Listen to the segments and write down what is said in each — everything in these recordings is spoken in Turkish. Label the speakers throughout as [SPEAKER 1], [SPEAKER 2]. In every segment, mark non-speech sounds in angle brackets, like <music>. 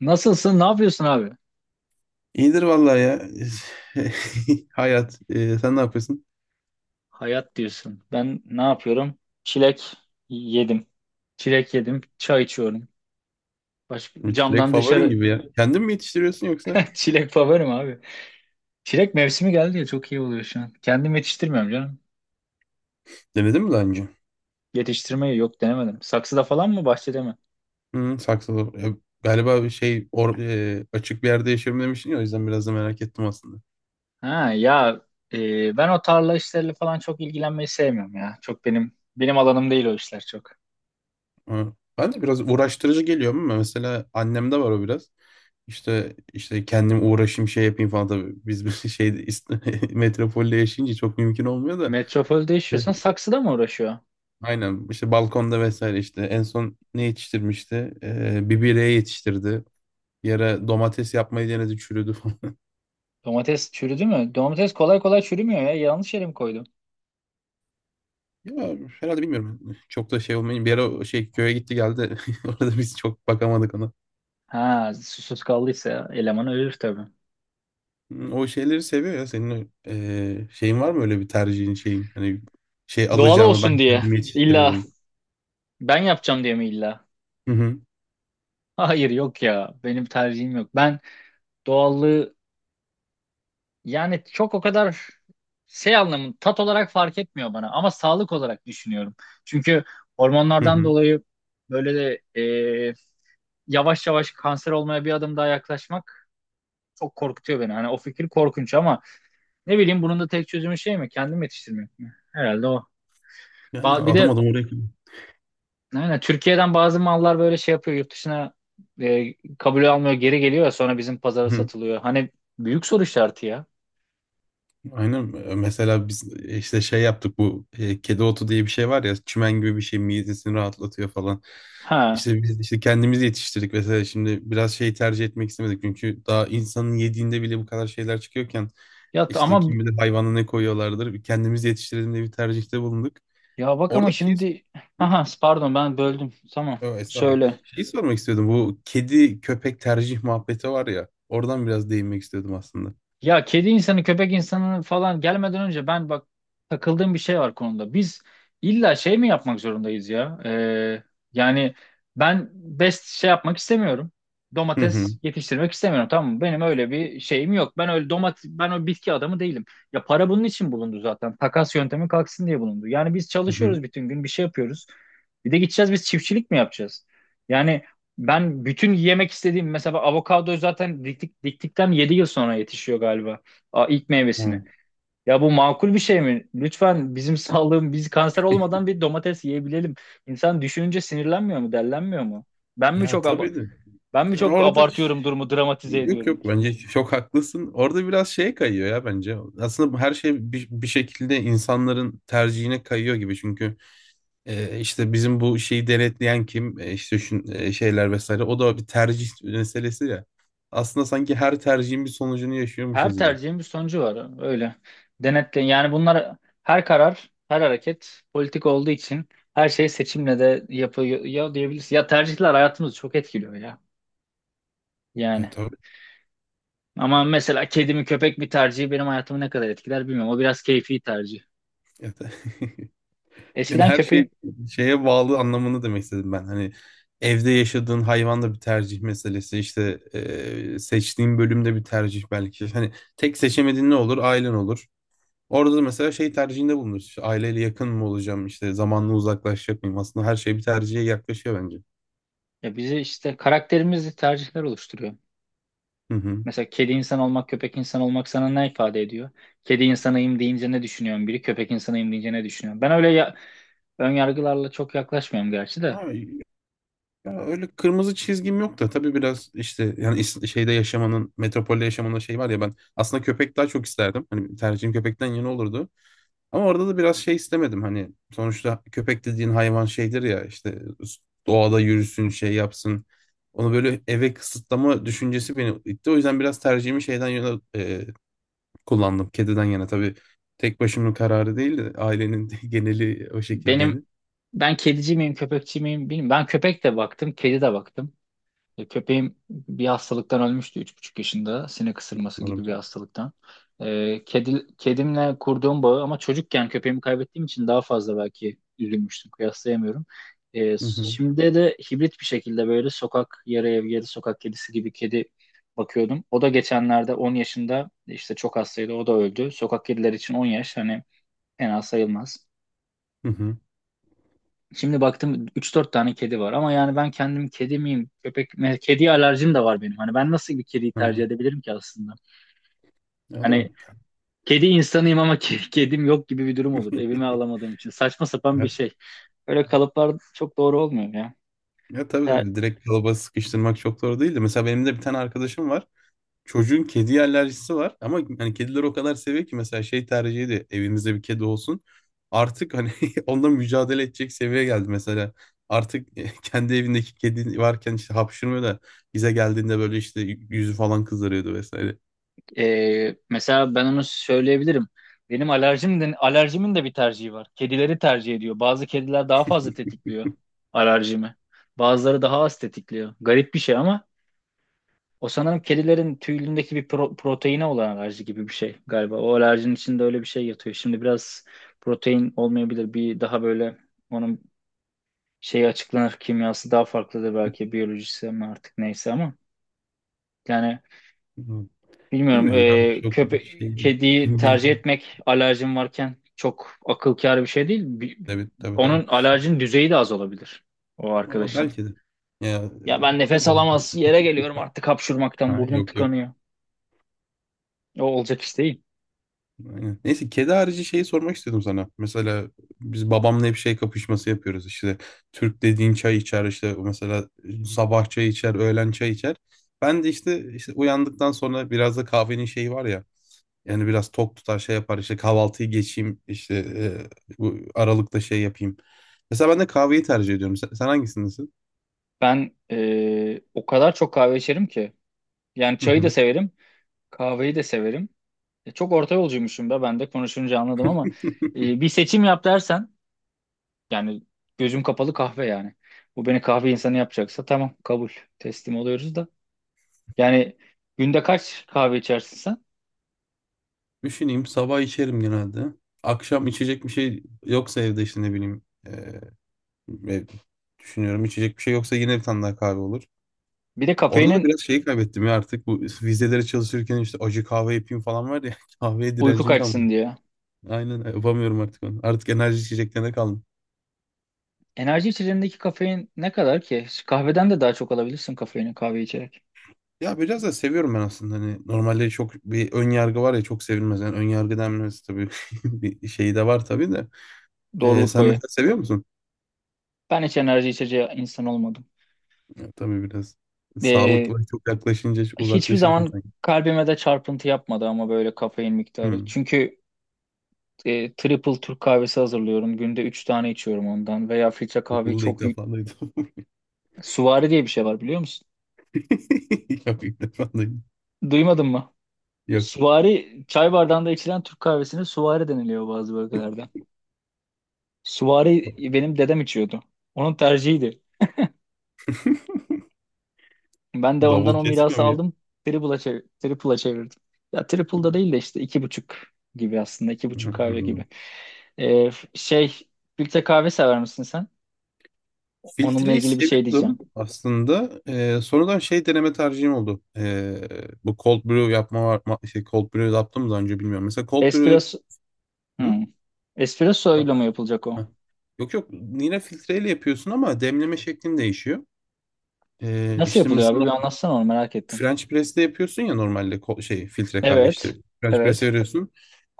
[SPEAKER 1] Nasılsın? Ne yapıyorsun abi?
[SPEAKER 2] İyidir vallahi ya. <laughs> Hayat. Sen ne yapıyorsun?
[SPEAKER 1] Hayat diyorsun. Ben ne yapıyorum? Çilek yedim. Çilek yedim. Çay içiyorum. Başka,
[SPEAKER 2] Çilek
[SPEAKER 1] camdan
[SPEAKER 2] favorin
[SPEAKER 1] dışarı.
[SPEAKER 2] gibi ya. Kendin mi yetiştiriyorsun yoksa
[SPEAKER 1] <laughs> Çilek favorim abi. Çilek mevsimi geldi ya, çok iyi oluyor şu an. Kendim yetiştirmiyorum canım.
[SPEAKER 2] denedin mi daha önce?
[SPEAKER 1] Yetiştirmeyi yok, denemedim. Saksıda falan mı, bahçede mi?
[SPEAKER 2] Hı, saksılı. Ya, galiba bir şey or, e, açık bir yerde yaşıyorum demiştin ya, o yüzden biraz da merak ettim aslında.
[SPEAKER 1] Ha ya, ben o tarla işleriyle falan çok ilgilenmeyi sevmiyorum ya. Çok benim alanım değil o işler çok.
[SPEAKER 2] Ama ben de biraz uğraştırıcı geliyor, ama mesela annemde var o biraz. İşte kendim uğraşayım şey yapayım falan tabii. Biz bir şey <laughs> metropolde yaşayınca çok mümkün olmuyor da.
[SPEAKER 1] Metropolde
[SPEAKER 2] E,
[SPEAKER 1] yaşıyorsan saksıda mı uğraşıyor?
[SPEAKER 2] Aynen işte balkonda vesaire, işte en son ne yetiştirmişti? Bir bireye yetiştirdi. Bir ara domates yapmayı denedi, çürüdü falan. <laughs>
[SPEAKER 1] Domates çürüdü mü? Domates kolay kolay çürümüyor ya. Yanlış yere mi koydum?
[SPEAKER 2] Ya herhalde, bilmiyorum. Çok da şey olmayın. Bir ara o şey köye gitti geldi. <laughs> Orada biz çok bakamadık ona.
[SPEAKER 1] Ha, susuz kaldıysa eleman ölür tabii.
[SPEAKER 2] Hmm, o şeyleri seviyor ya. Senin şeyin var mı, öyle bir tercihin şeyin? Hani şey
[SPEAKER 1] Doğal
[SPEAKER 2] alacağımı
[SPEAKER 1] olsun
[SPEAKER 2] ben
[SPEAKER 1] diye.
[SPEAKER 2] kendim
[SPEAKER 1] İlla
[SPEAKER 2] yetiştiririm.
[SPEAKER 1] ben yapacağım diye mi illa?
[SPEAKER 2] Hı hı.
[SPEAKER 1] Hayır yok ya. Benim tercihim yok. Ben doğallığı, yani çok o kadar şey, anlamı tat olarak fark etmiyor bana, ama sağlık olarak düşünüyorum. Çünkü
[SPEAKER 2] Hı
[SPEAKER 1] hormonlardan
[SPEAKER 2] hı.
[SPEAKER 1] dolayı böyle de yavaş yavaş kanser olmaya bir adım daha yaklaşmak çok korkutuyor beni. Hani o fikir korkunç, ama ne bileyim, bunun da tek çözümü şey mi? Kendim yetiştirmek mi? Herhalde o.
[SPEAKER 2] Yani
[SPEAKER 1] Bir de
[SPEAKER 2] adım adım oraya.
[SPEAKER 1] aynen. Türkiye'den bazı mallar böyle şey yapıyor. Yurt dışına kabul almıyor. Geri geliyor ya, sonra bizim pazara
[SPEAKER 2] Hı.
[SPEAKER 1] satılıyor. Hani büyük soru işareti ya.
[SPEAKER 2] Aynen, mesela biz işte şey yaptık, bu kedi otu diye bir şey var ya, çimen gibi bir şey, midesini rahatlatıyor falan.
[SPEAKER 1] Ha.
[SPEAKER 2] İşte biz işte kendimiz yetiştirdik mesela, şimdi biraz şey tercih etmek istemedik çünkü daha insanın yediğinde bile bu kadar şeyler çıkıyorken
[SPEAKER 1] Ya
[SPEAKER 2] işte
[SPEAKER 1] ama,
[SPEAKER 2] kim bilir hayvana ne koyuyorlardır, kendimiz yetiştirelim diye bir tercihte bulunduk.
[SPEAKER 1] ya bak ama
[SPEAKER 2] Orada şeyi,
[SPEAKER 1] şimdi,
[SPEAKER 2] hı?
[SPEAKER 1] aha, pardon, ben böldüm. Tamam.
[SPEAKER 2] Yo, estağfurullah.
[SPEAKER 1] Söyle.
[SPEAKER 2] Şeyi sormak istiyordum, bu kedi köpek tercih muhabbeti var ya, oradan biraz değinmek istiyordum aslında.
[SPEAKER 1] Ya, kedi insanı, köpek insanı falan gelmeden önce, ben bak, takıldığım bir şey var konuda. Biz illa şey mi yapmak zorundayız ya? Yani, ben best şey yapmak istemiyorum.
[SPEAKER 2] Hı hı.
[SPEAKER 1] Domates yetiştirmek istemiyorum, tamam mı? Benim öyle bir şeyim yok. Ben öyle domates, ben o bitki adamı değilim. Ya, para bunun için bulundu zaten. Takas yöntemi kalksın diye bulundu. Yani biz
[SPEAKER 2] Hı hı.
[SPEAKER 1] çalışıyoruz bütün gün, bir şey yapıyoruz. Bir de gideceğiz biz çiftçilik mi yapacağız? Yani ben bütün yemek istediğim mesela avokado, zaten diktik, diktikten 7 yıl sonra yetişiyor galiba, aa, ilk meyvesini.
[SPEAKER 2] Hı.
[SPEAKER 1] Ya bu makul bir şey mi? Lütfen bizim <laughs> sağlığım, biz kanser olmadan
[SPEAKER 2] <laughs>
[SPEAKER 1] bir domates yiyebilelim. İnsan düşününce sinirlenmiyor mu, dellenmiyor mu? Ben mi
[SPEAKER 2] Ya
[SPEAKER 1] çok aba-
[SPEAKER 2] tabii de
[SPEAKER 1] Ben mi çok
[SPEAKER 2] orada,
[SPEAKER 1] abartıyorum durumu, dramatize
[SPEAKER 2] yok
[SPEAKER 1] ediyorum?
[SPEAKER 2] yok, bence çok haklısın. Orada biraz şeye kayıyor ya bence. Aslında bu her şey bir, bir şekilde insanların tercihine kayıyor gibi. Çünkü işte bizim bu şeyi denetleyen kim, işte şu şeyler vesaire, o da bir tercih meselesi ya. Aslında sanki her tercihin bir sonucunu
[SPEAKER 1] Her
[SPEAKER 2] yaşıyormuşuz gibi.
[SPEAKER 1] tercihin bir sonucu var, öyle. Denetle, yani bunlar, her karar, her hareket politik olduğu için, her şey seçimle de yapıyor ya diyebiliriz. Ya, tercihler hayatımızı çok etkiliyor ya.
[SPEAKER 2] Ya
[SPEAKER 1] Yani.
[SPEAKER 2] tabii.
[SPEAKER 1] Ama mesela kedi mi köpek mi tercihi benim hayatımı ne kadar etkiler bilmiyorum. O biraz keyfi tercih.
[SPEAKER 2] Ya, tabii. <laughs> Yani
[SPEAKER 1] Eskiden
[SPEAKER 2] her şey
[SPEAKER 1] köpeğin,
[SPEAKER 2] şeye bağlı anlamını demek istedim ben. Hani evde yaşadığın hayvan da bir tercih meselesi. İşte seçtiğin bölümde bir tercih belki. Hani tek seçemediğin ne olur? Ailen olur. Orada da mesela şey tercihinde bulunursun. İşte aileyle yakın mı olacağım? İşte zamanla uzaklaşacak mıyım? Aslında her şey bir tercihe yaklaşıyor bence.
[SPEAKER 1] ya, bizi işte karakterimizi tercihler oluşturuyor.
[SPEAKER 2] Hı hı.
[SPEAKER 1] Mesela kedi insan olmak, köpek insan olmak sana ne ifade ediyor? Kedi insanıyım deyince ne düşünüyorsun biri, köpek insanıyım deyince ne düşünüyorsun? Ben öyle ya, ön yargılarla çok yaklaşmıyorum gerçi de.
[SPEAKER 2] Ha. Ya öyle kırmızı çizgim yok da, tabii biraz işte yani şeyde yaşamanın, metropolde yaşamanın şey var ya, ben aslında köpek daha çok isterdim. Hani tercihim köpekten yana olurdu. Ama orada da biraz şey istemedim, hani sonuçta köpek dediğin hayvan şeydir ya, işte doğada yürüsün şey yapsın. Onu böyle eve kısıtlama düşüncesi beni itti. O yüzden biraz tercihimi şeyden yana, kullandım. Kediden yana. Tabii tek başımın kararı değildi. Ailenin <laughs> geneli o şekildeydi.
[SPEAKER 1] Benim, ben kedici miyim, köpekçi miyim bilmiyorum. Ben köpek de baktım, kedi de baktım. Köpeğim bir hastalıktan ölmüştü 3,5 yaşında. Sinek ısırması
[SPEAKER 2] Umarım.
[SPEAKER 1] gibi bir hastalıktan. Kedimle kurduğum bağı, ama çocukken köpeğimi kaybettiğim için daha fazla belki üzülmüştüm. Kıyaslayamıyorum.
[SPEAKER 2] Hı hı.
[SPEAKER 1] Şimdi de hibrit bir şekilde, böyle sokak, yarı ev yarı sokak kedisi gibi kedi bakıyordum. O da geçenlerde 10 yaşında, işte çok hastaydı, o da öldü. Sokak kediler için 10 yaş hani fena sayılmaz.
[SPEAKER 2] Hı hı.
[SPEAKER 1] Şimdi baktım 3-4 tane kedi var, ama yani ben kendim kedi miyim, köpek mi? Kediye alerjim de var benim. Hani ben nasıl bir kediyi tercih
[SPEAKER 2] Ha.
[SPEAKER 1] edebilirim ki aslında?
[SPEAKER 2] Ya doğru.
[SPEAKER 1] Hani kedi insanıyım ama <laughs> kedim yok gibi bir durum olur. Evime alamadığım için. Saçma sapan bir
[SPEAKER 2] Ya,
[SPEAKER 1] şey. Öyle kalıplar çok doğru olmuyor ya.
[SPEAKER 2] ya tabii
[SPEAKER 1] Ya,
[SPEAKER 2] tabii, direkt kalıba sıkıştırmak çok doğru değil, de mesela benim de bir tane arkadaşım var. Çocuğun kedi alerjisi var, ama hani kedileri o kadar seviyor ki mesela şey tercih ediyor, evimizde bir kedi olsun. Artık hani <laughs> onunla mücadele edecek seviyeye geldi mesela. Artık <laughs> kendi evindeki kedi varken işte hapşırmıyor da, bize geldiğinde böyle işte yüzü falan kızarıyordu vesaire.
[SPEAKER 1] mesela ben onu söyleyebilirim. Alerjimin de bir tercihi var. Kedileri tercih ediyor. Bazı kediler daha fazla tetikliyor alerjimi. Bazıları daha az tetikliyor. Garip bir şey ama, o sanırım kedilerin tüyündeki bir proteine olan alerji gibi bir şey galiba. O alerjinin içinde öyle bir şey yatıyor. Şimdi biraz protein olmayabilir. Bir daha böyle onun şeyi açıklanır. Kimyası daha farklıdır belki. Biyolojisi mi artık, neyse ama. Yani
[SPEAKER 2] Hmm.
[SPEAKER 1] bilmiyorum.
[SPEAKER 2] Bilmiyorum ya,
[SPEAKER 1] E,
[SPEAKER 2] çok
[SPEAKER 1] köpe
[SPEAKER 2] şey değil. <laughs>
[SPEAKER 1] Kediyi
[SPEAKER 2] Bil-
[SPEAKER 1] tercih etmek alerjin varken çok akıl kârı bir şey değil.
[SPEAKER 2] Tabii tabii tabii.
[SPEAKER 1] Onun alerjin düzeyi de az olabilir. O
[SPEAKER 2] Ama
[SPEAKER 1] arkadaşın.
[SPEAKER 2] belki de. Ya,
[SPEAKER 1] Ya, ben nefes
[SPEAKER 2] tabii.
[SPEAKER 1] alamaz yere geliyorum artık hapşurmaktan.
[SPEAKER 2] Ha,
[SPEAKER 1] Burnum
[SPEAKER 2] yok yok.
[SPEAKER 1] tıkanıyor. O olacak iş değil.
[SPEAKER 2] Aynen. Neyse, kedi harici şeyi sormak istedim sana. Mesela biz babamla hep şey kapışması yapıyoruz işte. Türk dediğin çay içer işte, mesela sabah çay içer, öğlen çay içer. Ben de işte, işte uyandıktan sonra biraz da kahvenin şeyi var ya. Yani biraz tok tutar şey yapar, işte kahvaltıyı geçeyim işte bu aralıkta şey yapayım. Mesela ben de kahveyi tercih ediyorum. Sen hangisindesin?
[SPEAKER 1] Ben o kadar çok kahve içerim ki. Yani
[SPEAKER 2] Hı
[SPEAKER 1] çayı da
[SPEAKER 2] hı.
[SPEAKER 1] severim, kahveyi de severim. Çok orta yolcuymuşum da ben de konuşunca anladım, ama bir seçim yap dersen, yani gözüm kapalı kahve yani. Bu beni kahve insanı yapacaksa tamam, kabul, teslim oluyoruz da. Yani günde kaç kahve içersin sen?
[SPEAKER 2] Düşüneyim, sabah içerim genelde. Akşam içecek bir şey yoksa evde işte, ne bileyim. Ve düşünüyorum, içecek bir şey yoksa yine bir tane daha kahve olur.
[SPEAKER 1] Bir de
[SPEAKER 2] Orada da
[SPEAKER 1] kafeinin
[SPEAKER 2] biraz şeyi kaybettim ya, artık bu vizelere çalışırken işte acı kahve yapayım falan var ya, <laughs> kahveye
[SPEAKER 1] uyku
[SPEAKER 2] direncim kalmadı.
[SPEAKER 1] kaçsın diye.
[SPEAKER 2] Aynen, yapamıyorum artık onu. Artık enerji içeceklerine kaldım.
[SPEAKER 1] Enerji içeceğindeki kafein ne kadar ki? Kahveden de daha çok alabilirsin kafeini kahve içerek.
[SPEAKER 2] Ya biraz da seviyorum ben aslında, hani normalde çok bir ön yargı var ya, çok sevilmez. Yani ön yargı denmesi tabii <laughs> bir şeyi de var tabii de.
[SPEAKER 1] Doğruluk
[SPEAKER 2] Sen
[SPEAKER 1] payı.
[SPEAKER 2] mesela seviyor musun?
[SPEAKER 1] Ben hiç enerji içeceği insan olmadım.
[SPEAKER 2] Ya, tabii biraz. Sağlıkla çok yaklaşınca
[SPEAKER 1] Hiçbir
[SPEAKER 2] uzaklaşıyorsun
[SPEAKER 1] zaman
[SPEAKER 2] sanki.
[SPEAKER 1] kalbime de çarpıntı yapmadı ama, böyle kafein miktarı.
[SPEAKER 2] Hmm.
[SPEAKER 1] Çünkü triple Türk kahvesi hazırlıyorum. Günde 3 tane içiyorum ondan. Veya filtre kahveyi
[SPEAKER 2] Bunu da ilk
[SPEAKER 1] çok...
[SPEAKER 2] defa duydum.
[SPEAKER 1] Suvari diye bir şey var, biliyor musun?
[SPEAKER 2] <laughs> Yok, ilk defa duydum.
[SPEAKER 1] Duymadın mı?
[SPEAKER 2] Yok.
[SPEAKER 1] Suvari, çay bardağında içilen Türk kahvesine suvari deniliyor bazı bölgelerde. Suvari benim dedem içiyordu. Onun tercihiydi. Ben de ondan
[SPEAKER 2] Davul
[SPEAKER 1] o
[SPEAKER 2] kesmiyor
[SPEAKER 1] mirası
[SPEAKER 2] muyum?
[SPEAKER 1] aldım. Triple'a çevirdim. Ya triple'da değil de işte 2,5 gibi aslında. 2,5 kahve gibi.
[SPEAKER 2] Anladım.
[SPEAKER 1] Ee, f- şey, Filtre kahve sever misin sen?
[SPEAKER 2] <laughs>
[SPEAKER 1] Onunla
[SPEAKER 2] Filtreyi
[SPEAKER 1] ilgili bir şey
[SPEAKER 2] seviyordum
[SPEAKER 1] diyeceğim.
[SPEAKER 2] aslında. Sonradan şey deneme tercihim oldu. Bu cold brew yapma var. Şey, cold brew yaptım daha önce, bilmiyorum. Mesela cold brew...
[SPEAKER 1] Espresso,
[SPEAKER 2] Hı?
[SPEAKER 1] hmm. Espresso
[SPEAKER 2] Ha,
[SPEAKER 1] ile mi yapılacak o?
[SPEAKER 2] ha. Yok yok, yine filtreyle yapıyorsun ama demleme şeklin değişiyor.
[SPEAKER 1] Nasıl
[SPEAKER 2] İşte
[SPEAKER 1] yapılıyor abi?
[SPEAKER 2] mesela
[SPEAKER 1] Bir anlatsana, onu merak ettim.
[SPEAKER 2] French press'te yapıyorsun ya normalde, şey filtre kahve
[SPEAKER 1] Evet,
[SPEAKER 2] işte French press'e
[SPEAKER 1] evet,
[SPEAKER 2] veriyorsun.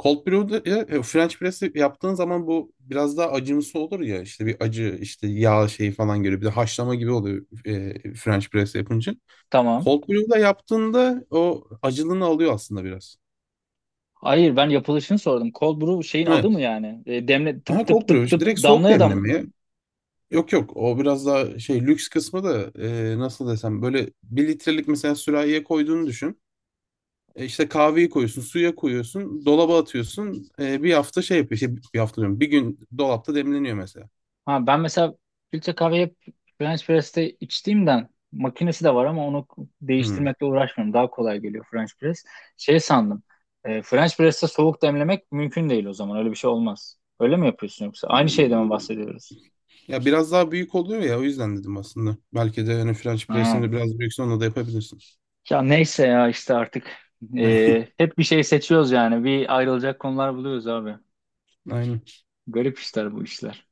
[SPEAKER 2] Cold brew'da French press'e yaptığın zaman bu biraz daha acımsı olur ya, işte bir acı işte yağ şeyi falan geliyor, bir de haşlama gibi oluyor French press yapınca.
[SPEAKER 1] tamam.
[SPEAKER 2] Cold brew'da yaptığında o acılığını alıyor aslında biraz.
[SPEAKER 1] Hayır, ben yapılışını sordum. Cold brew şeyin adı mı
[SPEAKER 2] Evet.
[SPEAKER 1] yani? Demle
[SPEAKER 2] Ha,
[SPEAKER 1] tıp tıp
[SPEAKER 2] cold brew
[SPEAKER 1] tıp
[SPEAKER 2] işte
[SPEAKER 1] tıp
[SPEAKER 2] direkt soğuk
[SPEAKER 1] damlaya dam.
[SPEAKER 2] demlemeye. Yok yok, o biraz daha şey lüks kısmı da, nasıl desem, böyle bir litrelik mesela sürahiye koyduğunu düşün. İşte kahveyi koyuyorsun, suya koyuyorsun, dolaba atıyorsun. Bir hafta şey yapıyor. Şey, bir hafta diyorum, bir gün dolapta demleniyor mesela.
[SPEAKER 1] Ha, ben mesela filtre kahve hep French press'te içtiğimden, makinesi de var ama onu
[SPEAKER 2] Hmm.
[SPEAKER 1] değiştirmekle uğraşmıyorum. Daha kolay geliyor French press. Şey sandım. French press'te soğuk demlemek mümkün değil o zaman. Öyle bir şey olmaz. Öyle mi yapıyorsun yoksa? Aynı şeyden mi
[SPEAKER 2] Ee,
[SPEAKER 1] bahsediyoruz?
[SPEAKER 2] Ya biraz daha büyük oluyor ya, o yüzden dedim aslında. Belki de hani French press'ini
[SPEAKER 1] Ha.
[SPEAKER 2] de biraz büyükse onu da yapabilirsin.
[SPEAKER 1] Ya neyse ya, işte artık
[SPEAKER 2] <laughs>
[SPEAKER 1] hep bir şey seçiyoruz yani. Bir ayrılacak konular buluyoruz abi.
[SPEAKER 2] Aynen.
[SPEAKER 1] Garip işler bu işler.